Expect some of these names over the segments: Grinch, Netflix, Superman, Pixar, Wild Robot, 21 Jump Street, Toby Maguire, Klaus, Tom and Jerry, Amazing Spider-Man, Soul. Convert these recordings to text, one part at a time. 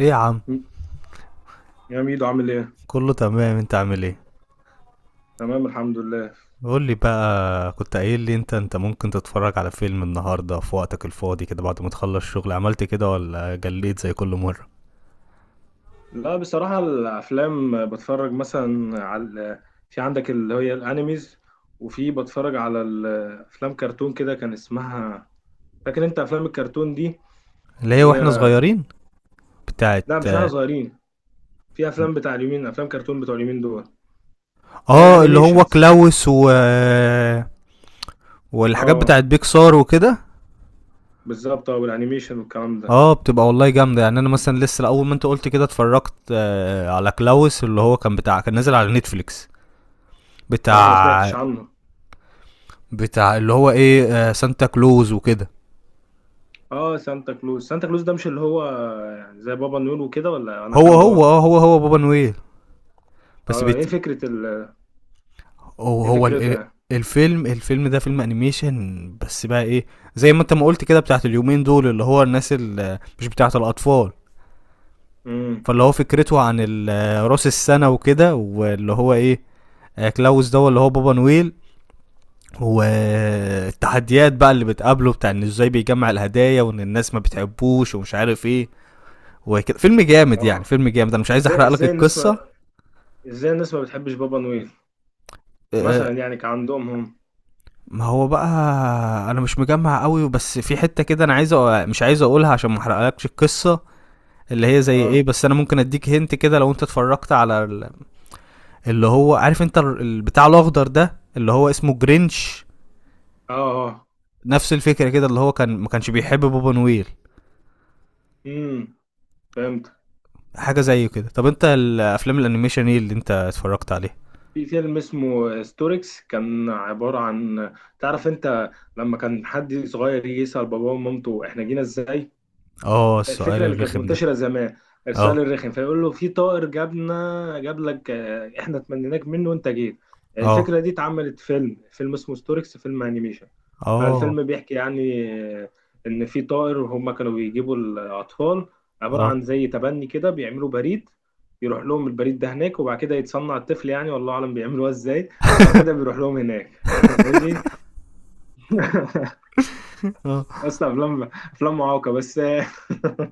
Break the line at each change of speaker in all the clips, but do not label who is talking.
ايه يا عم.
يا ميدو عامل ايه؟
كله تمام، انت عامل ايه؟
تمام الحمد لله.
قول لي بقى، كنت قايل لي انت ممكن تتفرج على فيلم النهارده في وقتك الفاضي كده بعد ما تخلص شغل، عملت كده ولا جليت زي كل مره؟
لا بصراحة الأفلام بتفرج مثلا على عندك اللي هي الأنيميز، وفي بتفرج على الأفلام كرتون كده كان اسمها. فاكر أنت أفلام الكرتون دي
اللي هي
اللي
واحنا
هي؟
صغيرين. بتاعت.
لا مش واحنا صغيرين، في أفلام بتاع اليومين، أفلام كرتون بتوع اليومين دول. إيه،
اه، اللي هو
أنيميشنز.
كلاوس و... والحاجات
اه
بتاعت بيكسار وكده.
بالظبط، اه والأنيميشن والكلام ده.
اه، بتبقى والله جامده. يعني انا مثلا لسه اول ما انت قلت كده اتفرجت على كلاوس، اللي هو كان بتاع، كان نازل على نتفليكس.
بصراحة ما
بتاع
سمعتش عنه.
بتاع اللي هو ايه، سانتا كلوز وكده.
اه سانتا كلوز، سانتا كلوز ده مش اللي هو يعني زي بابا نيول وكده، ولا أنا
هو
فاهم
هو اه
غلط؟
هو هو بابا نويل. بس
اه
بيت...
ايه فكرة
هو
ايه
هو
فكرته
ال-
يعني؟
الفيلم ده فيلم انيميشن، بس بقى ايه، زي ما انت ما قلت كده بتاعت اليومين دول، اللي هو الناس اللي مش بتاعت الاطفال.
امم.
فاللي هو فكرته عن راس السنه وكده، واللي هو ايه، كلاوس ده اللي هو بابا نويل. والتحديات بقى اللي بتقابله بتاع ان ازاي بيجمع الهدايا وان الناس ما بتحبوش ومش عارف ايه وكده. فيلم جامد يعني،
اه.
فيلم جامد. انا مش عايز
ازاي
احرق لك
ازاي الناس
القصه.
ما ازاي الناس ما بتحبش بابا نويل؟
آه،
مثلا يعني كان عندهم هم.
ما هو بقى، انا مش مجمع قوي، بس في حتة كده انا عايز مش عايز اقولها عشان ما احرقلكش القصة، اللي هي زي ايه.
اه
بس انا ممكن اديك هنت كده لو انت اتفرجت على اللي هو، عارف انت البتاع الاخضر ده اللي هو اسمه جرينش؟
اه اه.
نفس الفكرة كده، اللي هو كان ما كانش بيحب بابا نويل.
امم، فهمت.
حاجة زي كده. طب انت الافلام الانيميشن ايه اللي انت اتفرجت عليه؟
في فيلم اسمه ستوركس، كان عبارة عن، تعرف انت لما كان حد صغير يجي يسأل باباه ومامته احنا جينا ازاي؟
اه، السؤال
الفكره اللي كانت
الرخم ده.
منتشره زمان،
اه.
السؤال الرخم، فيقول له في طائر جابنا جاب لك، احنا تمنيناك منه وانت جيت.
اه.
الفكره دي اتعملت فيلم، فيلم اسمه ستوركس، فيلم انيميشن.
اه.
فالفيلم بيحكي يعني، آه، ان في طائر هم كانوا بيجيبوا الاطفال، عباره
اه.
عن زي تبني كده، بيعملوا بريد يروح لهم البريد ده هناك، وبعد كده يتصنع الطفل يعني، والله اعلم بيعملوها ازاي، وبعد كده بيروح لهم هناك. ماشي.
آه.
اصلا افلام، افلام معوقه بس.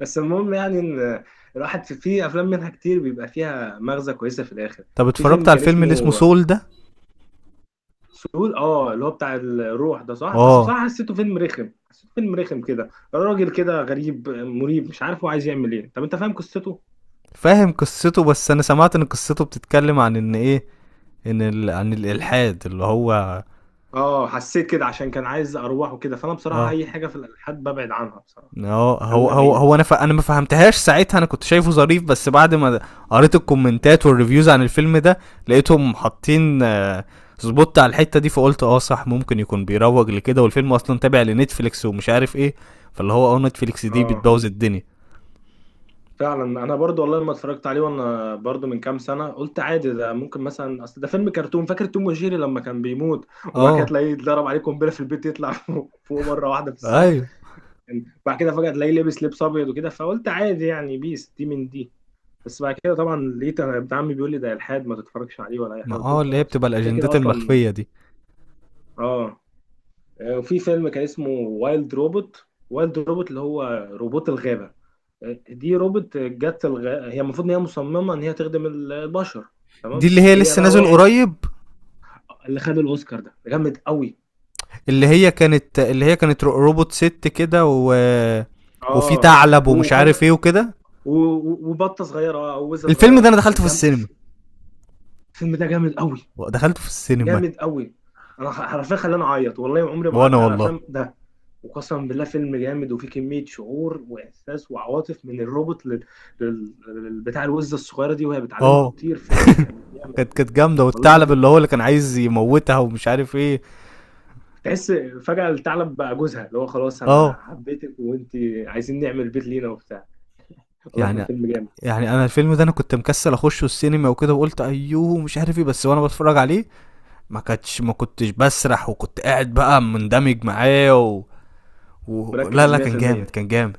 بس المهم يعني ان الواحد في افلام منها كتير بيبقى فيها مغزى كويسه في الاخر.
طب
في
اتفرجت
فيلم
على
كان
الفيلم اللي اسمه
اسمه
سول ده؟
فول، اه اللي هو بتاع الروح ده، صح؟ بس
اه،
بصراحه حسيته فيلم رخم، حسيته فيلم رخم كده، راجل كده غريب مريب مش عارف هو عايز يعمل ايه. طب انت فاهم قصته؟
فاهم قصته. بس انا سمعت ان قصته بتتكلم عن ان ايه، ان عن الالحاد اللي هو...
اه حسيت كده عشان كان عايز ارواح وكده، فانا بصراحه
اه.
اي حاجه في الالحاد ببعد عنها بصراحه.
هو هو
خلينا
هو,
بعيد.
هو انا انا ما فهمتهاش ساعتها. انا كنت شايفه ظريف بس بعد ما قريت الكومنتات والريفيوز عن الفيلم ده، لقيتهم حاطين سبوت على الحته دي، فقلت اه صح، ممكن يكون بيروج لكده، والفيلم اصلا تابع لنتفليكس ومش عارف ايه. فاللي هو اه، نتفليكس دي
اه
بتبوظ الدنيا.
فعلا، انا برضو والله لما اتفرجت عليه وانا برضو من كام سنه قلت عادي ده، ممكن مثلا، اصل ده فيلم كرتون. فاكر توم وجيري لما كان بيموت، وبعد كده
اه
تلاقيه اتضرب عليه قنبله في البيت يطلع فوق فوق مره واحده في السماء،
ايوه.
بعد كده فجاه تلاقيه لابس لبس ابيض وكده، فقلت عادي يعني، بيس دي من دي. بس بعد كده طبعا لقيت انا ابن عمي بيقول لي ده الحاد ما تتفرجش عليه ولا اي
ما
حاجه، قلت له
اه، اللي هي
خلاص
بتبقى
كده كده
الاجندات
اصلا.
المخفيه دي.
اه. وفي فيلم كان اسمه وايلد روبوت، وايلد روبوت اللي هو روبوت الغابه. دي روبوت جت هي المفروض ان هي مصممه ان هي تخدم البشر،
دي
تمام.
اللي هي
هي
لسه
بقى
نازل
وقعت.
قريب.
اللي خد الاوسكار ده جامد قوي.
اللي هي كانت روبوت ست كده و... وفي
اه.
ثعلب ومش
وخد
عارف ايه وكده.
و- وبطه صغيره، اه او وزه
الفيلم
صغيره،
ده انا دخلته
كانت
في
جامد
السينما،
الفيلم. ده جامد قوي.
دخلته في السينما.
جامد قوي، انا حرفيا خلاني اعيط، والله ما عمري ما
وانا
قعدت على
والله.
افلام ده. وقسما بالله فيلم جامد، وفيه كميه شعور واحساس وعواطف من الروبوت بتاع الوزه الصغيره دي وهي بتعلمها
اه
تطير. فيلم كان جامد.
كانت جامده،
والله
والثعلب
فيلم
اللي هو اللي كان عايز يموتها ومش عارف ايه.
تحس فجأة الثعلب بقى جوزها، اللي هو خلاص أنا
اه.
حبيتك وأنت، عايزين نعمل بيت لينا وبتاع. والله كان
يعني
فيلم جامد.
يعني انا الفيلم ده انا كنت مكسل اخشه السينما وكده، وقلت ايوه مش عارف ايه، بس وانا بتفرج عليه ما كنتش بسرح، وكنت قاعد بقى مندمج معاه و... و... لا
مركز
لا، كان جامد
100%.
كان جامد.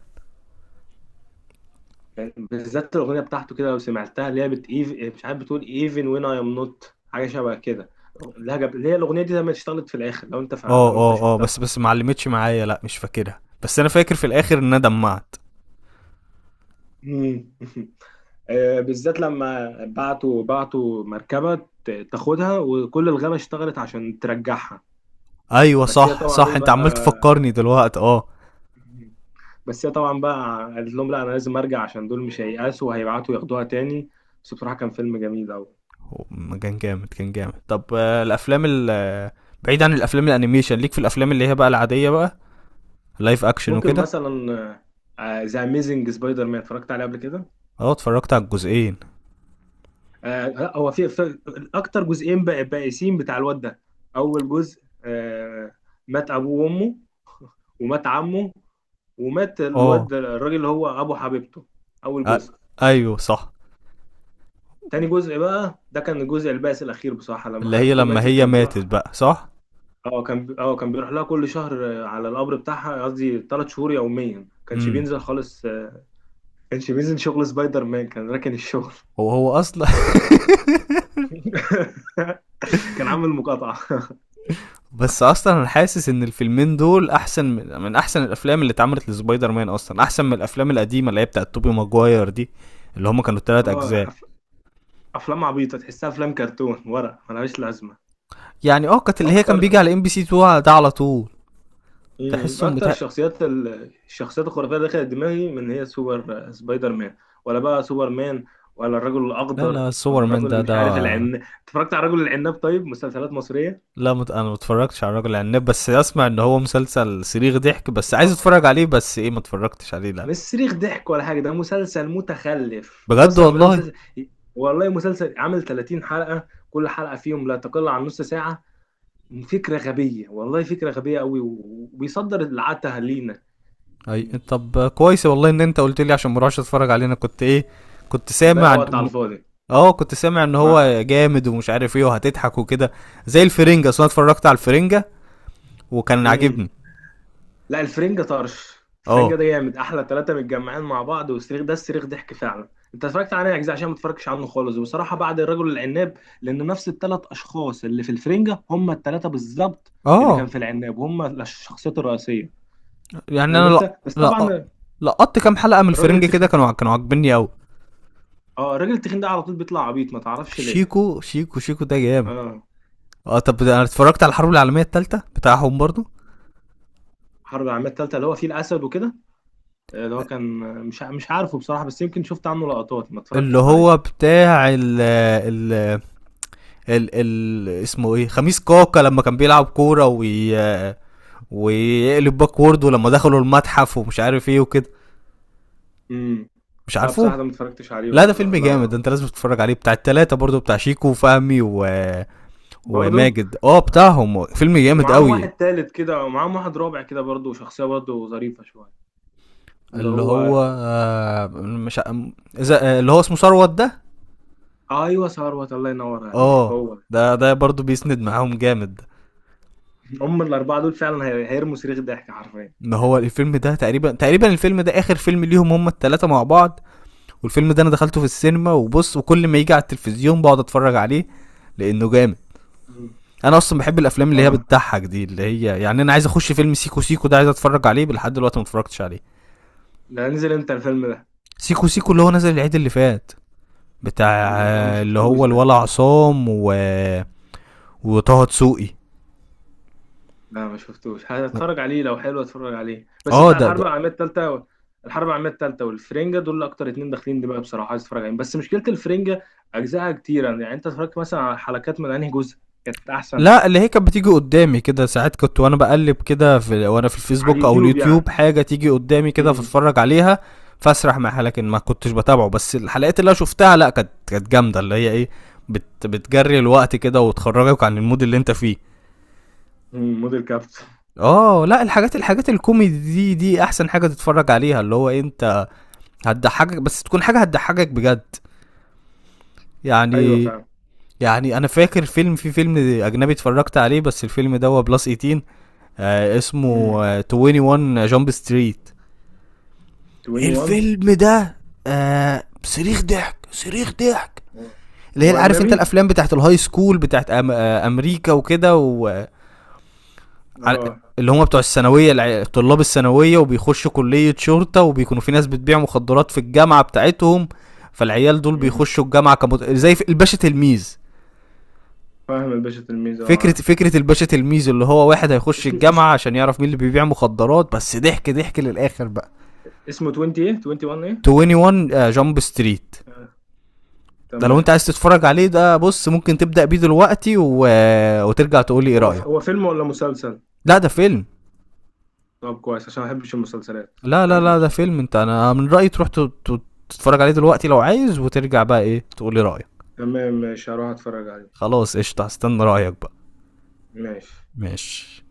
كان بالذات الأغنية بتاعته كده لو سمعتها، اللي هي مش عارف بتقول even when I am not، حاجة شبه كده. لهجة اللي هي الأغنية دي لما اشتغلت في الآخر، لو أنت
اه.
لو أنت
اه. اه.
شفتها.
بس ما علمتش معايا، لا مش فاكرها، بس انا فاكر في الاخر ان انا دمعت.
مم. آه، بالذات لما بعتوا مركبة تاخدها، وكل الغابة اشتغلت عشان ترجعها.
ايوه
بس هي
صح،
طبعا
صح
إيه
انت عمال
بقى،
تفكرني دلوقتي اه.
بس هي طبعا بقى قالت لهم لا انا لازم ارجع، عشان دول مش هييأسوا وهيبعتوا ياخدوها تاني. بس بصراحه كان فيلم جميل قوي.
هو كان جامد، كان جامد. طب الافلام ال آه، بعيد عن الافلام الانيميشن، ليك في الافلام اللي هي بقى العاديه بقى، لايف اكشن
ممكن
وكده.
مثلا ذا اميزنج سبايدر مان، اتفرجت عليه قبل كده؟
اه، اتفرجت على الجزئين.
آه لا، هو في اكتر جزئين بقى بائسين بتاع الواد ده. اول جزء آه، مات ابوه وامه، ومات عمه، ومات
اه.
الواد الراجل اللي هو ابو حبيبته. اول
آ-
جزء.
ايوه صح.
تاني جزء بقى ده كان الجزء البائس الاخير بصراحه، لما
اللي هي
حبيبته
لما
ماتت
هي
كان بيروح.
ماتت بقى، صح.
اه، كان اه كان بيروح لها كل شهر، على القبر بتاعها، قصدي 3 شهور يوميا، كانش
امم.
بينزل خالص، كانش بينزل شغل سبايدر مان، كان راكن الشغل.
هو هو اصلا.
كان عامل مقاطعة.
بس اصلا انا حاسس ان الفيلمين دول احسن من احسن الافلام اللي اتعملت لسبايدر مان، اصلا احسن من الافلام القديمه اللي هي بتاعت توبي ماجواير دي، اللي هما كانوا التلات
اه
اجزاء.
افلام عبيطة، تحسها افلام كرتون ورق ملهاش لازمة.
يعني اه كانت، اللي هي كان بيجي
واكتر،
على ام بي سي 2 ده على طول.
مم،
تحسهم
اكتر
بتاع.
الشخصيات الشخصيات الخرافية اللي دخلت دماغي، من هي، سوبر، سبايدر مان، ولا بقى سوبر مان، ولا الرجل
لا لا،
الاخضر،
سوبر
ولا
مان
الرجل
ده
اللي مش
ده.
عارف العناب. اتفرجت على الرجل العناب؟ طيب مسلسلات مصرية.
لا انا ما اتفرجتش على الراجل العناب، بس اسمع ان هو مسلسل صريخ ضحك، بس عايز
مصري.
اتفرج عليه، بس ايه ما اتفرجتش عليه لا.
مش صريخ ضحك ولا حاجه، ده مسلسل متخلف
بجد
وقسما بالله
والله.
مسلسل. والله مسلسل عامل 30 حلقه، كل حلقه فيهم لا تقل عن نص ساعه، فكره غبيه، والله فكره غبيه قوي، وبيصدر العته لينا.
اي
يعني
طب كويس والله ان انت قلت لي عشان ما اروحش اتفرج عليه. انا كنت ايه، كنت سامع
هتضيع
عن...
وقت على الفاضي.
اه كنت سامع ان
مع،
هو جامد ومش عارف ايه وهتضحك وكده، زي الفرنجة. اصل انا اتفرجت على الفرنجة وكان
مم.
عاجبني.
لا الفرنجة طرش،
اه.
الفرنجة ده جامد، احلى ثلاثة متجمعين مع بعض، والصريخ ده الصريخ ضحك فعلا. انت اتفرجت عليه اجزاء، عشان ما اتفرجتش عنه خالص، وبصراحة بعد الرجل العناب، لان نفس الثلاث اشخاص اللي في الفرنجة هم الثلاثة بالظبط اللي كان
اه.
في العناب، هم الشخصيات الرئيسية،
يعني
فاهم
انا لا،
انت؟ بس
لا
طبعا
لقطت كام حلقة من
الراجل
الفرنجة كده،
التخين،
كانوا عاجبني قوي.
اه الراجل التخين ده على طول بيطلع عبيط ما تعرفش ليه.
شيكو، شيكو، شيكو ده جامد.
اه.
اه. طب انا اتفرجت على الحرب العالمية التالتة بتاعهم برضو.
حرب العالمية التالتة اللي هو فيه الاسد وكده، اللي هو كان، مش عارفه بصراحة، بس يمكن شفت عنه لقطات، ما
اللي
اتفرجتش عليه.
هو بتاع ال اسمه ايه، خميس كاكا، لما كان بيلعب كورة وي ويقلب باكورد، ولما دخلوا المتحف ومش عارف ايه وكده.
امم.
مش
لا
عارفه.
بصراحة ده ما اتفرجتش عليه
لا ده
ولا
فيلم
لا
جامد، ده
والله.
انت لازم تتفرج عليه. بتاع التلاتة برضو، بتاع شيكو وفهمي و...
برضو.
وماجد، اه بتاعهم فيلم جامد
ومعاهم
قوي.
واحد تالت كده، ومعاهم واحد رابع كده برضو، شخصية برضو ظريفة شوية، اللي
اللي
هو.
هو مش ع- م- اذا، اللي هو اسمه ثروت ده.
آه، ايوه ثروت، الله ينور عليك،
اه.
هو ده.
ده برضو بيسند معاهم جامد.
هم الاربعة دول فعلا هيرموا صريخ ضحك حرفيا.
ان هو الفيلم ده تقريبا، تقريبا الفيلم ده اخر فيلم ليهم هم التلاتة مع بعض. والفيلم ده انا دخلته في السينما وبص، وكل ما يجي على التلفزيون بقعد اتفرج عليه لانه جامد.
مم.
انا اصلا بحب الافلام اللي هي
اه
بتضحك دي. اللي هي يعني انا عايز اخش فيلم سيكو سيكو ده، عايز اتفرج عليه لحد دلوقتي ما اتفرجتش عليه.
ده نزل امتى الفيلم ده؟
سيكو سيكو اللي هو نزل العيد اللي فات، بتاع،
والله لا ما
اللي
شفتوش
هو
ده.
الولا عصام و... وطه دسوقي.
لا ما شفتوش، هتفرج عليه لو حلو، اتفرج عليه. بس
اه
بتاع
ده,
الحرب
ده
العالميه الثالثه و... الحرب العالميه الثالثه والفرنجه دول اكتر اتنين داخلين دماغي بصراحه، عايز اتفرج عليهم، بس مشكله الفرنجه اجزائها كتيره، يعني انت اتفرجت مثلا على حلقات من انهي جزء كانت احسن؟
لا. اللي هي كانت بتيجي قدامي كده ساعات، كنت وانا بقلب كده في، وانا في
على
الفيسبوك او
اليوتيوب
اليوتيوب،
يعني.
حاجه تيجي قدامي كده
امم.
فاتفرج عليها. فاسرح معاها، لكن ما كنتش بتابعه. بس الحلقات اللي انا شفتها لا، كانت جامده، اللي هي ايه، بت بتجري الوقت كده وتخرجك عن المود اللي انت فيه.
أمم، موديل كابت.
اه لا، الحاجات، الحاجات الكوميدي دي دي احسن حاجه تتفرج عليها. اللي هو إيه، انت هتضحكك، بس تكون حاجه هتضحكك بجد.
ايوه
يعني
فعلا.
يعني انا فاكر فيلم، في فيلم اجنبي اتفرجت عليه، بس الفيلم ده هو بلس 18. آه اسمه،
امم.
آه 21 جامب ستريت.
21.
الفيلم ده آه صريخ ضحك، صريخ ضحك.
هو
اللي
هو
هي عارف انت
اجنبي؟
الافلام بتاعت الهاي سكول بتاعت أم امريكا وكده و... على
اه.
اللي هم بتوع الثانويه طلاب الثانويه، وبيخشوا كليه شرطه، وبيكونوا في ناس بتبيع مخدرات في الجامعه بتاعتهم. فالعيال دول
امم،
بيخشوا الجامعه زي الباشا تلميذ.
فاهم الباشا تلميذ، اه
فكره
عارف.
فكره الباشا تلميذ، اللي هو واحد هيخش
اسمه
الجامعه عشان يعرف مين اللي بيبيع مخدرات، بس ضحك ضحك للاخر بقى.
اسمه 20 ايه، 21 ايه؟
21 جامب ستريت
آه.
ده لو انت
تمام.
عايز تتفرج عليه، ده بص ممكن تبدا بيه دلوقتي و... وترجع تقول لي ايه
هو
رايك.
هو فيلم ولا مسلسل؟
لا ده فيلم.
طب كويس عشان ما بحبش المسلسلات.
لا لا
رأيي
لا، ده
بصراحة.
فيلم. انت انا من رأيي تروح تتفرج عليه دلوقتي لو عايز، وترجع بقى ايه تقولي رأيك.
تمام ماشي هروح اتفرج عليه.
خلاص قشطة، هستنى رأيك بقى.
ماشي.
ماشي.